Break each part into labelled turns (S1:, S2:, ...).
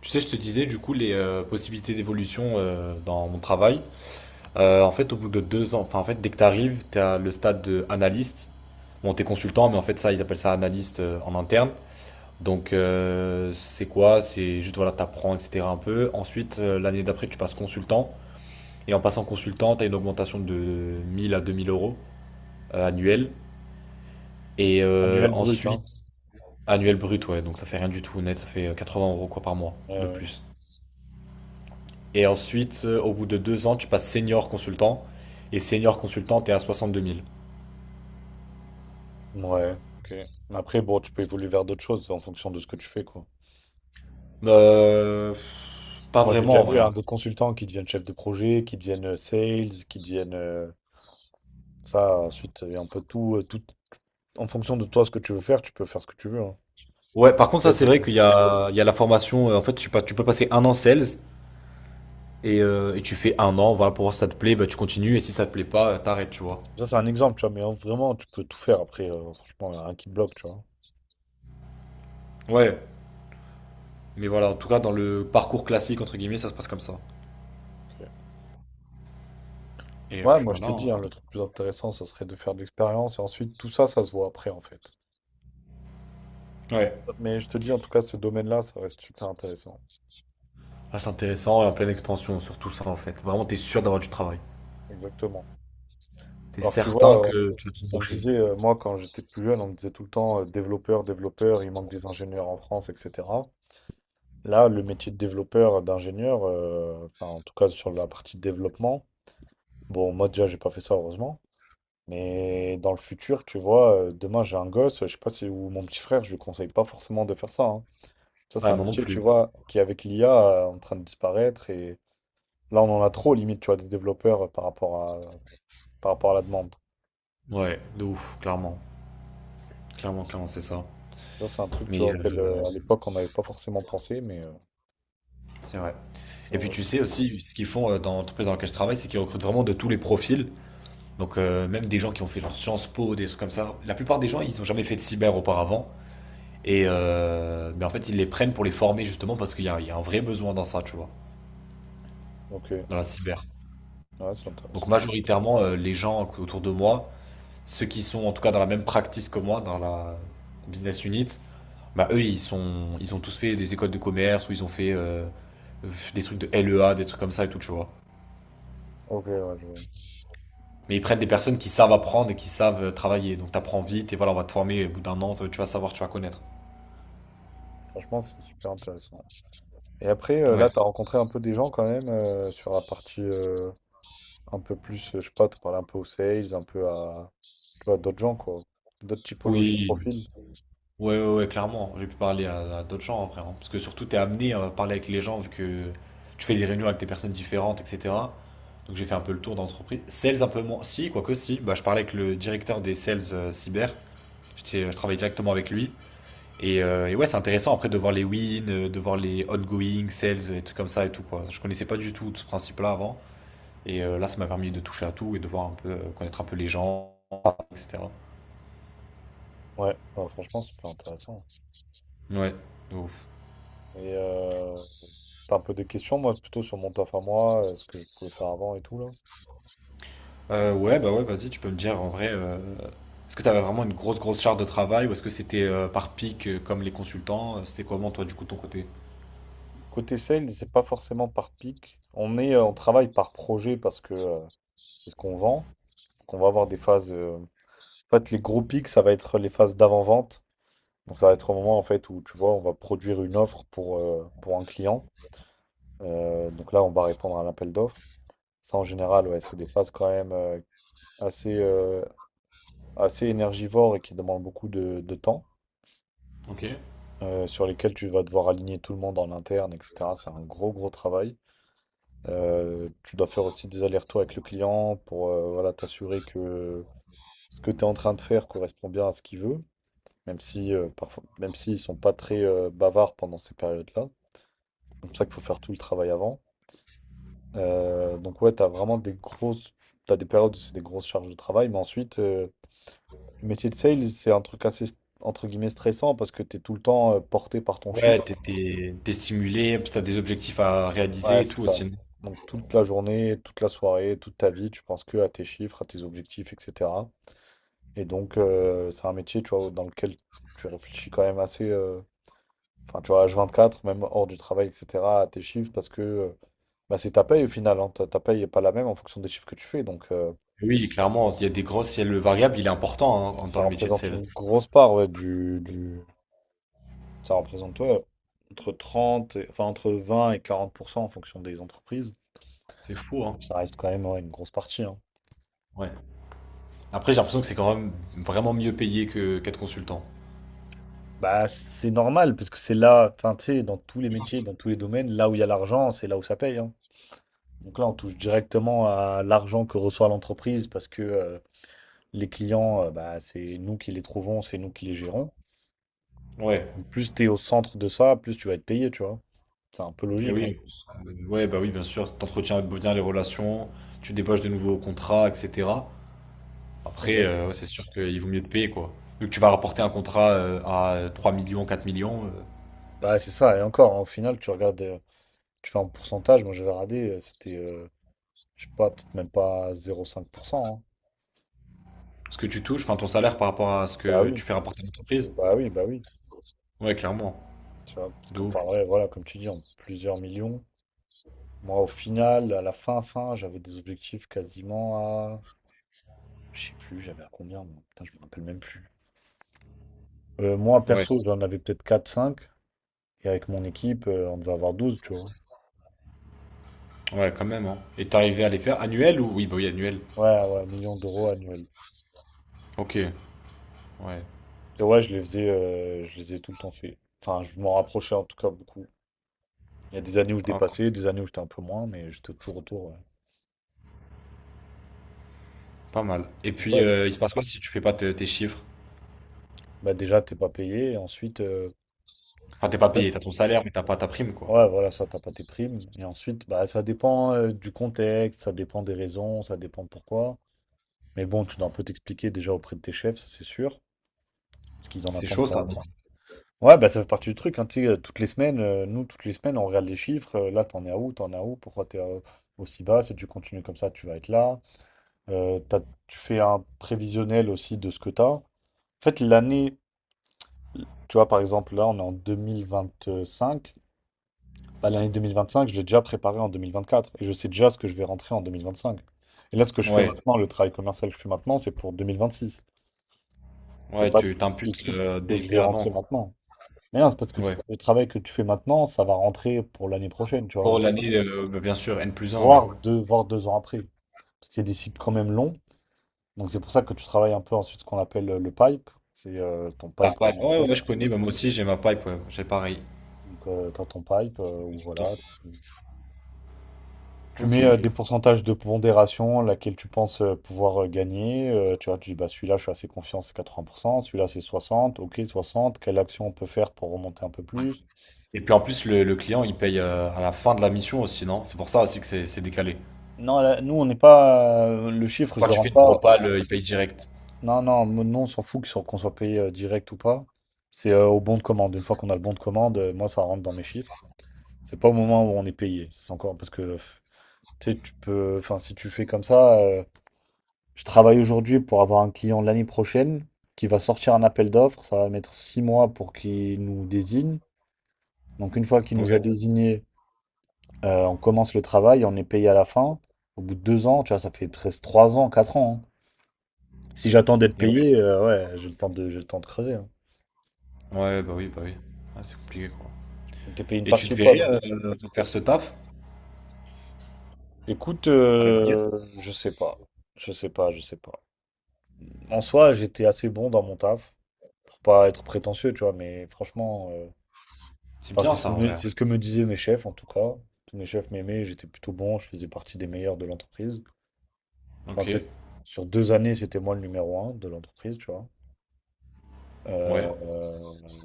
S1: Tu sais, je te disais du coup les possibilités d'évolution dans mon travail. En fait, au bout de 2 ans, enfin en fait, dès que tu arrives, tu as le stade de analyste. Bon, t'es consultant, mais en fait ça, ils appellent ça analyste en interne. Donc c'est quoi? C'est juste voilà, t'apprends, etc. un peu. Ensuite, l'année d'après, tu passes consultant. Et en passant consultant, t'as une augmentation de 1 000 à 2 000 euros annuel. Et
S2: Annuel brut, hein.
S1: ensuite, annuel brut, ouais. Donc ça fait rien du tout net, ça fait 80 euros quoi par mois
S2: Ouais,
S1: de
S2: ouais.
S1: plus. Et ensuite, au bout de deux ans, tu passes senior consultant. Et senior consultant, t'es à 62 000.
S2: Ouais, ok. Mais après, bon, tu peux évoluer vers d'autres choses en fonction de ce que tu fais, quoi.
S1: Euh, Pas
S2: Moi, j'ai
S1: vraiment
S2: déjà
S1: en
S2: vu
S1: vrai, hein.
S2: hein, des consultants qui deviennent chefs de projet, qui deviennent sales, qui deviennent ça. Ensuite, il y a un peu tout, tout. En fonction de toi, ce que tu veux faire, tu peux faire ce que tu veux. Hein.
S1: Ouais, par contre, ça,
S2: Après,
S1: c'est
S2: t'es-
S1: vrai qu'il y a la formation. En fait, tu, pas, tu peux passer un an sales et tu fais un an. Voilà, pour voir si ça te plaît, bah, tu continues. Et si ça te plaît pas, t'arrêtes, tu vois.
S2: Ça, c'est un exemple, tu vois, mais hein, vraiment, tu peux tout faire après. Franchement, il y a rien qui te bloque, tu vois.
S1: Ouais, mais voilà, en tout cas, dans le parcours classique, entre guillemets, ça se passe comme ça.
S2: Ok.
S1: Et
S2: Ouais,
S1: puis
S2: moi, je
S1: voilà,
S2: t'ai
S1: hein.
S2: dit, hein, le truc le plus intéressant, ça serait de faire de l'expérience et ensuite, tout ça, ça se voit après, en fait.
S1: Ouais.
S2: Mais je te dis, en tout cas, ce domaine-là, ça reste super intéressant.
S1: Ah, c'est intéressant et en pleine expansion, surtout ça, en fait. Vraiment, t'es sûr d'avoir du travail.
S2: Exactement.
S1: T'es
S2: Alors que tu
S1: certain
S2: vois,
S1: que tu vas te
S2: on me
S1: embaucher.
S2: disait, moi, quand j'étais plus jeune, on me disait tout le temps développeur, développeur, il manque des ingénieurs en France, etc. Là, le métier de développeur, d'ingénieur, enfin, en tout cas sur la partie développement, bon, moi déjà, j'ai pas fait ça, heureusement. Mais dans le futur, tu vois, demain, j'ai un gosse, je sais pas si, ou mon petit frère, je lui conseille pas forcément de faire ça. Hein. Ça, c'est
S1: Ouais,
S2: un
S1: moi non
S2: métier, tu
S1: plus.
S2: vois, qui avec l'IA, en train de disparaître. Et là, on en a trop, limite, tu vois, des développeurs par rapport à la demande.
S1: Ouais, de ouf, clairement. Clairement, clairement, c'est ça.
S2: Ça, c'est un truc, tu
S1: Mais
S2: vois, auquel, à l'époque, on n'avait pas forcément pensé, mais.
S1: c'est vrai. Et puis
S2: Genre,
S1: tu sais aussi, ce qu'ils font dans l'entreprise dans laquelle je travaille, c'est qu'ils recrutent vraiment de tous les profils. Donc même des gens qui ont fait genre Sciences Po, des trucs comme ça. La plupart des gens, ils n'ont jamais fait de cyber auparavant. Mais en fait, ils les prennent pour les former justement parce qu'il y a un vrai besoin dans ça, tu vois,
S2: ok,
S1: dans la cyber.
S2: ouais, c'est
S1: Donc
S2: intéressant.
S1: majoritairement, les gens autour de moi, ceux qui sont en tout cas dans la même practice que moi, dans la business unit, bah eux, ils ont tous fait des écoles de commerce ou ils ont fait des trucs de LEA, des trucs comme ça et tout, tu vois.
S2: Ok, ouais, vois.
S1: Mais ils prennent des personnes qui savent apprendre et qui savent travailler. Donc t'apprends vite et voilà, on va te former au bout d'un an, tu vas savoir, tu vas connaître.
S2: Franchement, c'est super intéressant. Et après,
S1: Ouais.
S2: là, t'as rencontré un peu des gens quand même sur la partie un peu plus, je sais pas, t'as parlé un peu aux sales, un peu à, tu vois, d'autres gens, quoi. D'autres typologies de
S1: Oui.
S2: profils.
S1: Ouais, ouais, ouais, clairement. J'ai pu parler à d'autres gens après, hein. Parce que surtout, t'es amené à parler avec les gens vu que tu fais des réunions avec des personnes différentes, etc. Donc j'ai fait un peu le tour d'entreprise. Sales un peu moins. Si, quoique si. Bah, je parlais avec le directeur des sales cyber. Je travaillais directement avec lui. Et ouais, c'est intéressant après de voir les wins, de voir les ongoing sales, et trucs comme ça et tout quoi. Je connaissais pas du tout ce principe-là avant. Et là, ça m'a permis de toucher à tout et de connaître un peu les gens, etc.
S2: Ouais, bah, franchement, c'est super intéressant.
S1: Ouais, de ouf.
S2: Et t'as un peu des questions, moi, plutôt sur mon taf à moi, ce que je pouvais faire avant et tout, là.
S1: Ouais, bah ouais, vas-y, tu peux me dire en vrai, est-ce que tu avais vraiment une grosse, grosse charge de travail ou est-ce que c'était par pic comme les consultants? C'était comment toi, du coup, de ton côté?
S2: Côté sales, c'est pas forcément par pic. On travaille par projet parce que c'est ce qu'on vend. Donc, on va avoir des phases. En fait, les gros pics, ça va être les phases d'avant-vente. Donc, ça va être au moment en fait où tu vois, on va produire une offre pour un client. Donc là, on va répondre à l'appel d'offres. Ça, en général, ouais, c'est des phases quand même assez, assez énergivores et qui demandent beaucoup de temps,
S1: Ok.
S2: sur lesquelles tu vas devoir aligner tout le monde en interne, etc. C'est un gros, gros travail. Tu dois faire aussi des allers-retours avec le client pour voilà, t'assurer que ce que tu es en train de faire correspond bien à ce qu'il veut. Même si, parfois, même s'ils sont pas très bavards pendant ces périodes-là. C'est pour ça qu'il faut faire tout le travail avant. Donc ouais, t'as vraiment des grosses, t'as des périodes où c'est des grosses charges de travail, mais ensuite, le métier de sales, c'est un truc assez, entre guillemets, stressant parce que t'es tout le temps porté par ton
S1: Ouais,
S2: chiffre.
S1: t'es stimulé, puis t'as des objectifs à réaliser
S2: Ouais,
S1: et
S2: c'est
S1: tout
S2: ça.
S1: aussi.
S2: Donc toute la journée, toute la soirée, toute ta vie, tu penses que à tes chiffres, à tes objectifs, etc. Et donc, c'est un métier, tu vois, dans lequel tu réfléchis quand même assez. Enfin, tu vois, h quatre même hors du travail, etc., tes chiffres, parce que bah, c'est ta paye au final. Hein. Ta paye n'est pas la même en fonction des chiffres que tu fais. Donc,
S1: Oui, clairement, il y a des grosses, il y a le variable, il est important hein, dans
S2: ça
S1: le métier de
S2: représente
S1: sales.
S2: une grosse part ouais, Ça représente ouais, entre enfin, entre 20 et 40% en fonction des entreprises.
S1: C'est fou, hein?
S2: Donc, ça reste quand même ouais, une grosse partie. Hein.
S1: Ouais. Après, j'ai l'impression que c'est quand même vraiment mieux payé que qu'être consultant.
S2: Bah, c'est normal, parce que c'est là, enfin, tu sais, dans tous les métiers, dans tous les domaines, là où il y a l'argent, c'est là où ça paye. Hein. Donc là, on touche directement à l'argent que reçoit l'entreprise parce que les clients, bah, c'est nous qui les trouvons, c'est nous qui les gérons.
S1: Ouais,
S2: Donc, plus tu es au centre de ça, plus tu vas être payé, tu vois. C'est un peu
S1: et
S2: logique, hein.
S1: oui. Ouais, bah oui, bien sûr, t'entretiens bien les relations, tu débauches de nouveaux contrats, etc. Après, ouais,
S2: Exactement,
S1: c'est
S2: c'est
S1: sûr
S2: ça.
S1: qu'il vaut mieux te payer, quoi. Vu que tu vas rapporter un contrat, à, 3 000 000, 4 000
S2: Bah, c'est ça, et encore, hein, au final, tu regardes, tu fais un pourcentage, moi j'avais radé, c'était, je sais pas, peut-être même pas 0,5%. Hein.
S1: ce que tu touches, enfin ton salaire par rapport à ce
S2: Bah
S1: que
S2: oui,
S1: tu fais rapporter à l'entreprise.
S2: bah oui, bah oui.
S1: Ouais, clairement.
S2: Tu vois, parce
S1: De
S2: qu'on
S1: ouf.
S2: parlerait, voilà, comme tu dis, en plusieurs millions. Moi, au final, à la fin, j'avais des objectifs quasiment à... Je sais plus, j'avais à combien, moi. Putain, je me rappelle même plus. Moi,
S1: Ouais,
S2: perso, j'en avais peut-être quatre, cinq. Et avec mon équipe, on devait avoir 12, tu vois.
S1: ouais, quand même, hein. Et tu es arrivé à les faire annuels ou oui, bah, oui, annuels.
S2: Ouais, ouais, millions d'euros annuels.
S1: OK, ouais.
S2: Et ouais, je les faisais, je les ai tout le temps fait. Enfin, je m'en rapprochais en tout cas beaucoup. Il y a des années où je
S1: Ah OK,
S2: dépassais, des années où j'étais un peu moins, mais j'étais toujours autour. Ouais.
S1: pas mal. Et
S2: Donc
S1: puis,
S2: ouais,
S1: il se passe quoi si tu fais pas te tes chiffres?
S2: bah déjà, t'es pas payé. Et ensuite,
S1: Enfin, t'es pas
S2: ça-
S1: payé, t'as ton salaire, mais t'as pas ta prime, quoi.
S2: ouais, voilà, ça, t'as pas tes primes. Et ensuite, bah ça dépend du contexte, ça dépend des raisons, ça dépend pourquoi. Mais bon, tu dois un peu t'expliquer déjà auprès de tes chefs, ça c'est sûr. Parce qu'ils en
S1: C'est
S2: attendent
S1: chaud
S2: pas.
S1: ça, non?
S2: Ouais, bah ça fait partie du truc, hein, tu sais, toutes les semaines, nous, toutes les semaines, on regarde les chiffres, là, t'en es à où, t'en es à où, pourquoi t'es aussi bas, si tu continues comme ça, tu vas être là. Euh, t'as- Tu fais un prévisionnel aussi de ce que t'as. En fait, l'année, tu vois, par exemple, là, on est en 2025, bah, l'année 2025, je l'ai déjà préparée en 2024, et je sais déjà ce que je vais rentrer en 2025. Et là, ce que je fais
S1: Ouais,
S2: maintenant, le travail commercial que je fais maintenant, c'est pour 2026. C'est
S1: ouais,
S2: pas
S1: tu
S2: le
S1: t'imputes,
S2: truc que
S1: dès
S2: je
S1: dès
S2: vais
S1: avant,
S2: rentrer
S1: quoi.
S2: maintenant. Mais non, c'est parce que
S1: Ouais.
S2: le travail que tu fais maintenant, ça va rentrer pour l'année prochaine, tu vois,
S1: Pour l'année, bah, bien sûr, N plus un. Ouais.
S2: voire voire deux ans après. Parce que c'est des cycles quand même longs. Donc c'est pour ça que tu travailles un peu ensuite ce qu'on appelle le pipe. C'est ton
S1: La
S2: pipe
S1: pipe, ouais,
S2: commercial.
S1: ouais, je connais, bah, moi aussi j'ai ma pipe, ouais, j'ai pareil,
S2: Donc tu as ton pipe
S1: j'ai
S2: où
S1: tout le temps.
S2: voilà, tu, tu
S1: Ok.
S2: mets des pourcentages de pondération laquelle tu penses pouvoir gagner. Tu vois, tu dis bah celui-là je suis assez confiant, c'est 80%, celui-là c'est 60, ok, 60, quelle action on peut faire pour remonter un peu plus?
S1: Et puis en plus, le client il paye à la fin de la mission aussi, non? C'est pour ça aussi que c'est décalé.
S2: Non, là, nous on n'est pas le chiffre, je
S1: Quand
S2: le
S1: tu
S2: rends
S1: fais une
S2: pas.
S1: propale, il paye direct.
S2: Non, non, non, on s'en fout que qu'on soit payé direct ou pas. C'est au bon de commande. Une fois qu'on a le bon de commande, moi, ça rentre dans mes chiffres. C'est pas au moment où on est payé. Ça, c'est encore parce que tu sais, tu peux. Enfin, si tu fais comme ça, je travaille aujourd'hui pour avoir un client l'année prochaine qui va sortir un appel d'offres. Ça va mettre 6 mois pour qu'il nous désigne. Donc, une fois qu'il nous a
S1: Ouais.
S2: désigné, on commence le travail, on est payé à la fin. Au bout de 2 ans, tu vois, ça fait presque 3 ans, 4 ans. Hein. Si j'attends d'être
S1: Et ouais.
S2: payé, ouais, j'ai le temps de crever. Hein.
S1: Ouais, bah oui, bah oui. Ah, c'est compliqué quoi.
S2: Donc t'es payé une
S1: Et tu
S2: partie
S1: te
S2: ou pas,
S1: verrais
S2: non?
S1: faire ce taf
S2: Écoute,
S1: à l'avenir?
S2: je sais pas. Je sais pas, je sais pas. En soi, j'étais assez bon dans mon taf. Pour pas être prétentieux, tu vois, mais franchement,
S1: C'est
S2: enfin,
S1: bien ça en vrai, hein.
S2: c'est ce que me disaient mes chefs, en tout cas. Tous mes chefs m'aimaient, j'étais plutôt bon, je faisais partie des meilleurs de l'entreprise. Enfin,
S1: Ok,
S2: peut-être sur 2 années, c'était moi le numéro 1 de l'entreprise, tu vois.
S1: ouais.
S2: Euh,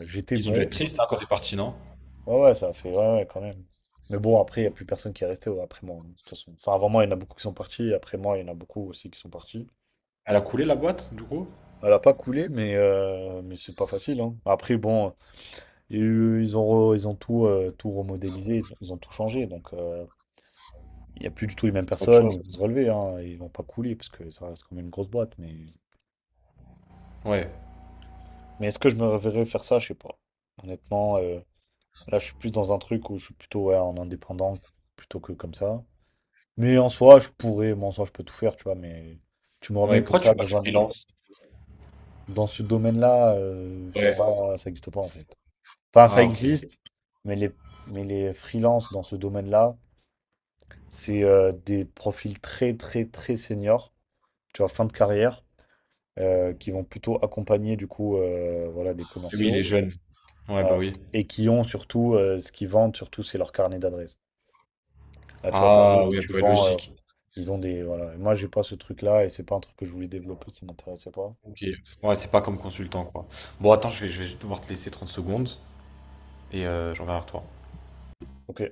S2: euh, J'étais
S1: Ils ont dû être
S2: bon.
S1: tristes hein, quand t'es parti, non?
S2: Ouais, ouais, ça a fait, ouais, ouais, quand même. Mais bon, après, il n'y a plus personne qui est resté ouais, après moi, de toute façon. Enfin, avant moi, il y en a beaucoup qui sont partis. Et après moi, il y en a beaucoup aussi qui sont partis.
S1: Elle a coulé la boîte du coup?
S2: Elle a pas coulé, mais, mais c'est pas facile. Hein. Après, bon, il y a eu- ils ont, ils ont tout, tout remodélisé, ils ont tout changé. Donc, il n'y a plus du tout les mêmes
S1: C'est autre
S2: personnes. Ils
S1: chose.
S2: vont se relever. Hein, ils vont pas couler parce que ça reste quand même une grosse boîte. Mais,
S1: Ouais.
S2: est-ce que je me reverrais faire ça? Je sais pas. Honnêtement, là, je suis plus dans un truc où je suis plutôt ouais, en indépendant plutôt que comme ça. Mais en soi, je pourrais, moi, en soi, je peux tout faire, tu vois. Mais tu me
S1: Ouais,
S2: remets
S1: pourquoi
S2: comme
S1: tu
S2: ça
S1: fais pas
S2: dans
S1: du
S2: un,
S1: freelance?
S2: dans ce domaine-là, c'est
S1: Ouais.
S2: pas, ça n'existe pas en fait. Enfin, ça
S1: Ah, ok. Et
S2: existe, mais les, mais les freelances dans ce domaine-là, c'est des profils très, très, très seniors, tu vois, fin de carrière, qui vont plutôt accompagner, du coup, voilà, des
S1: oui, il est
S2: commerciaux,
S1: jeune. Ouais,
S2: euh,
S1: bah oui.
S2: et qui ont surtout, ce qu'ils vendent, surtout, c'est leur carnet d'adresses. Là, tu vois,
S1: Ah
S2: t'arrives et
S1: ouais, bah,
S2: tu
S1: ouais,
S2: vends,
S1: logique.
S2: ils ont des, voilà. Et moi, j'ai pas ce truc-là, et c'est pas un truc que je voulais développer, ça m'intéressait pas.
S1: Ok. Ouais, c'est pas comme consultant, quoi. Bon, attends, je vais devoir te laisser 30 secondes et je reviens vers toi.
S2: Donc,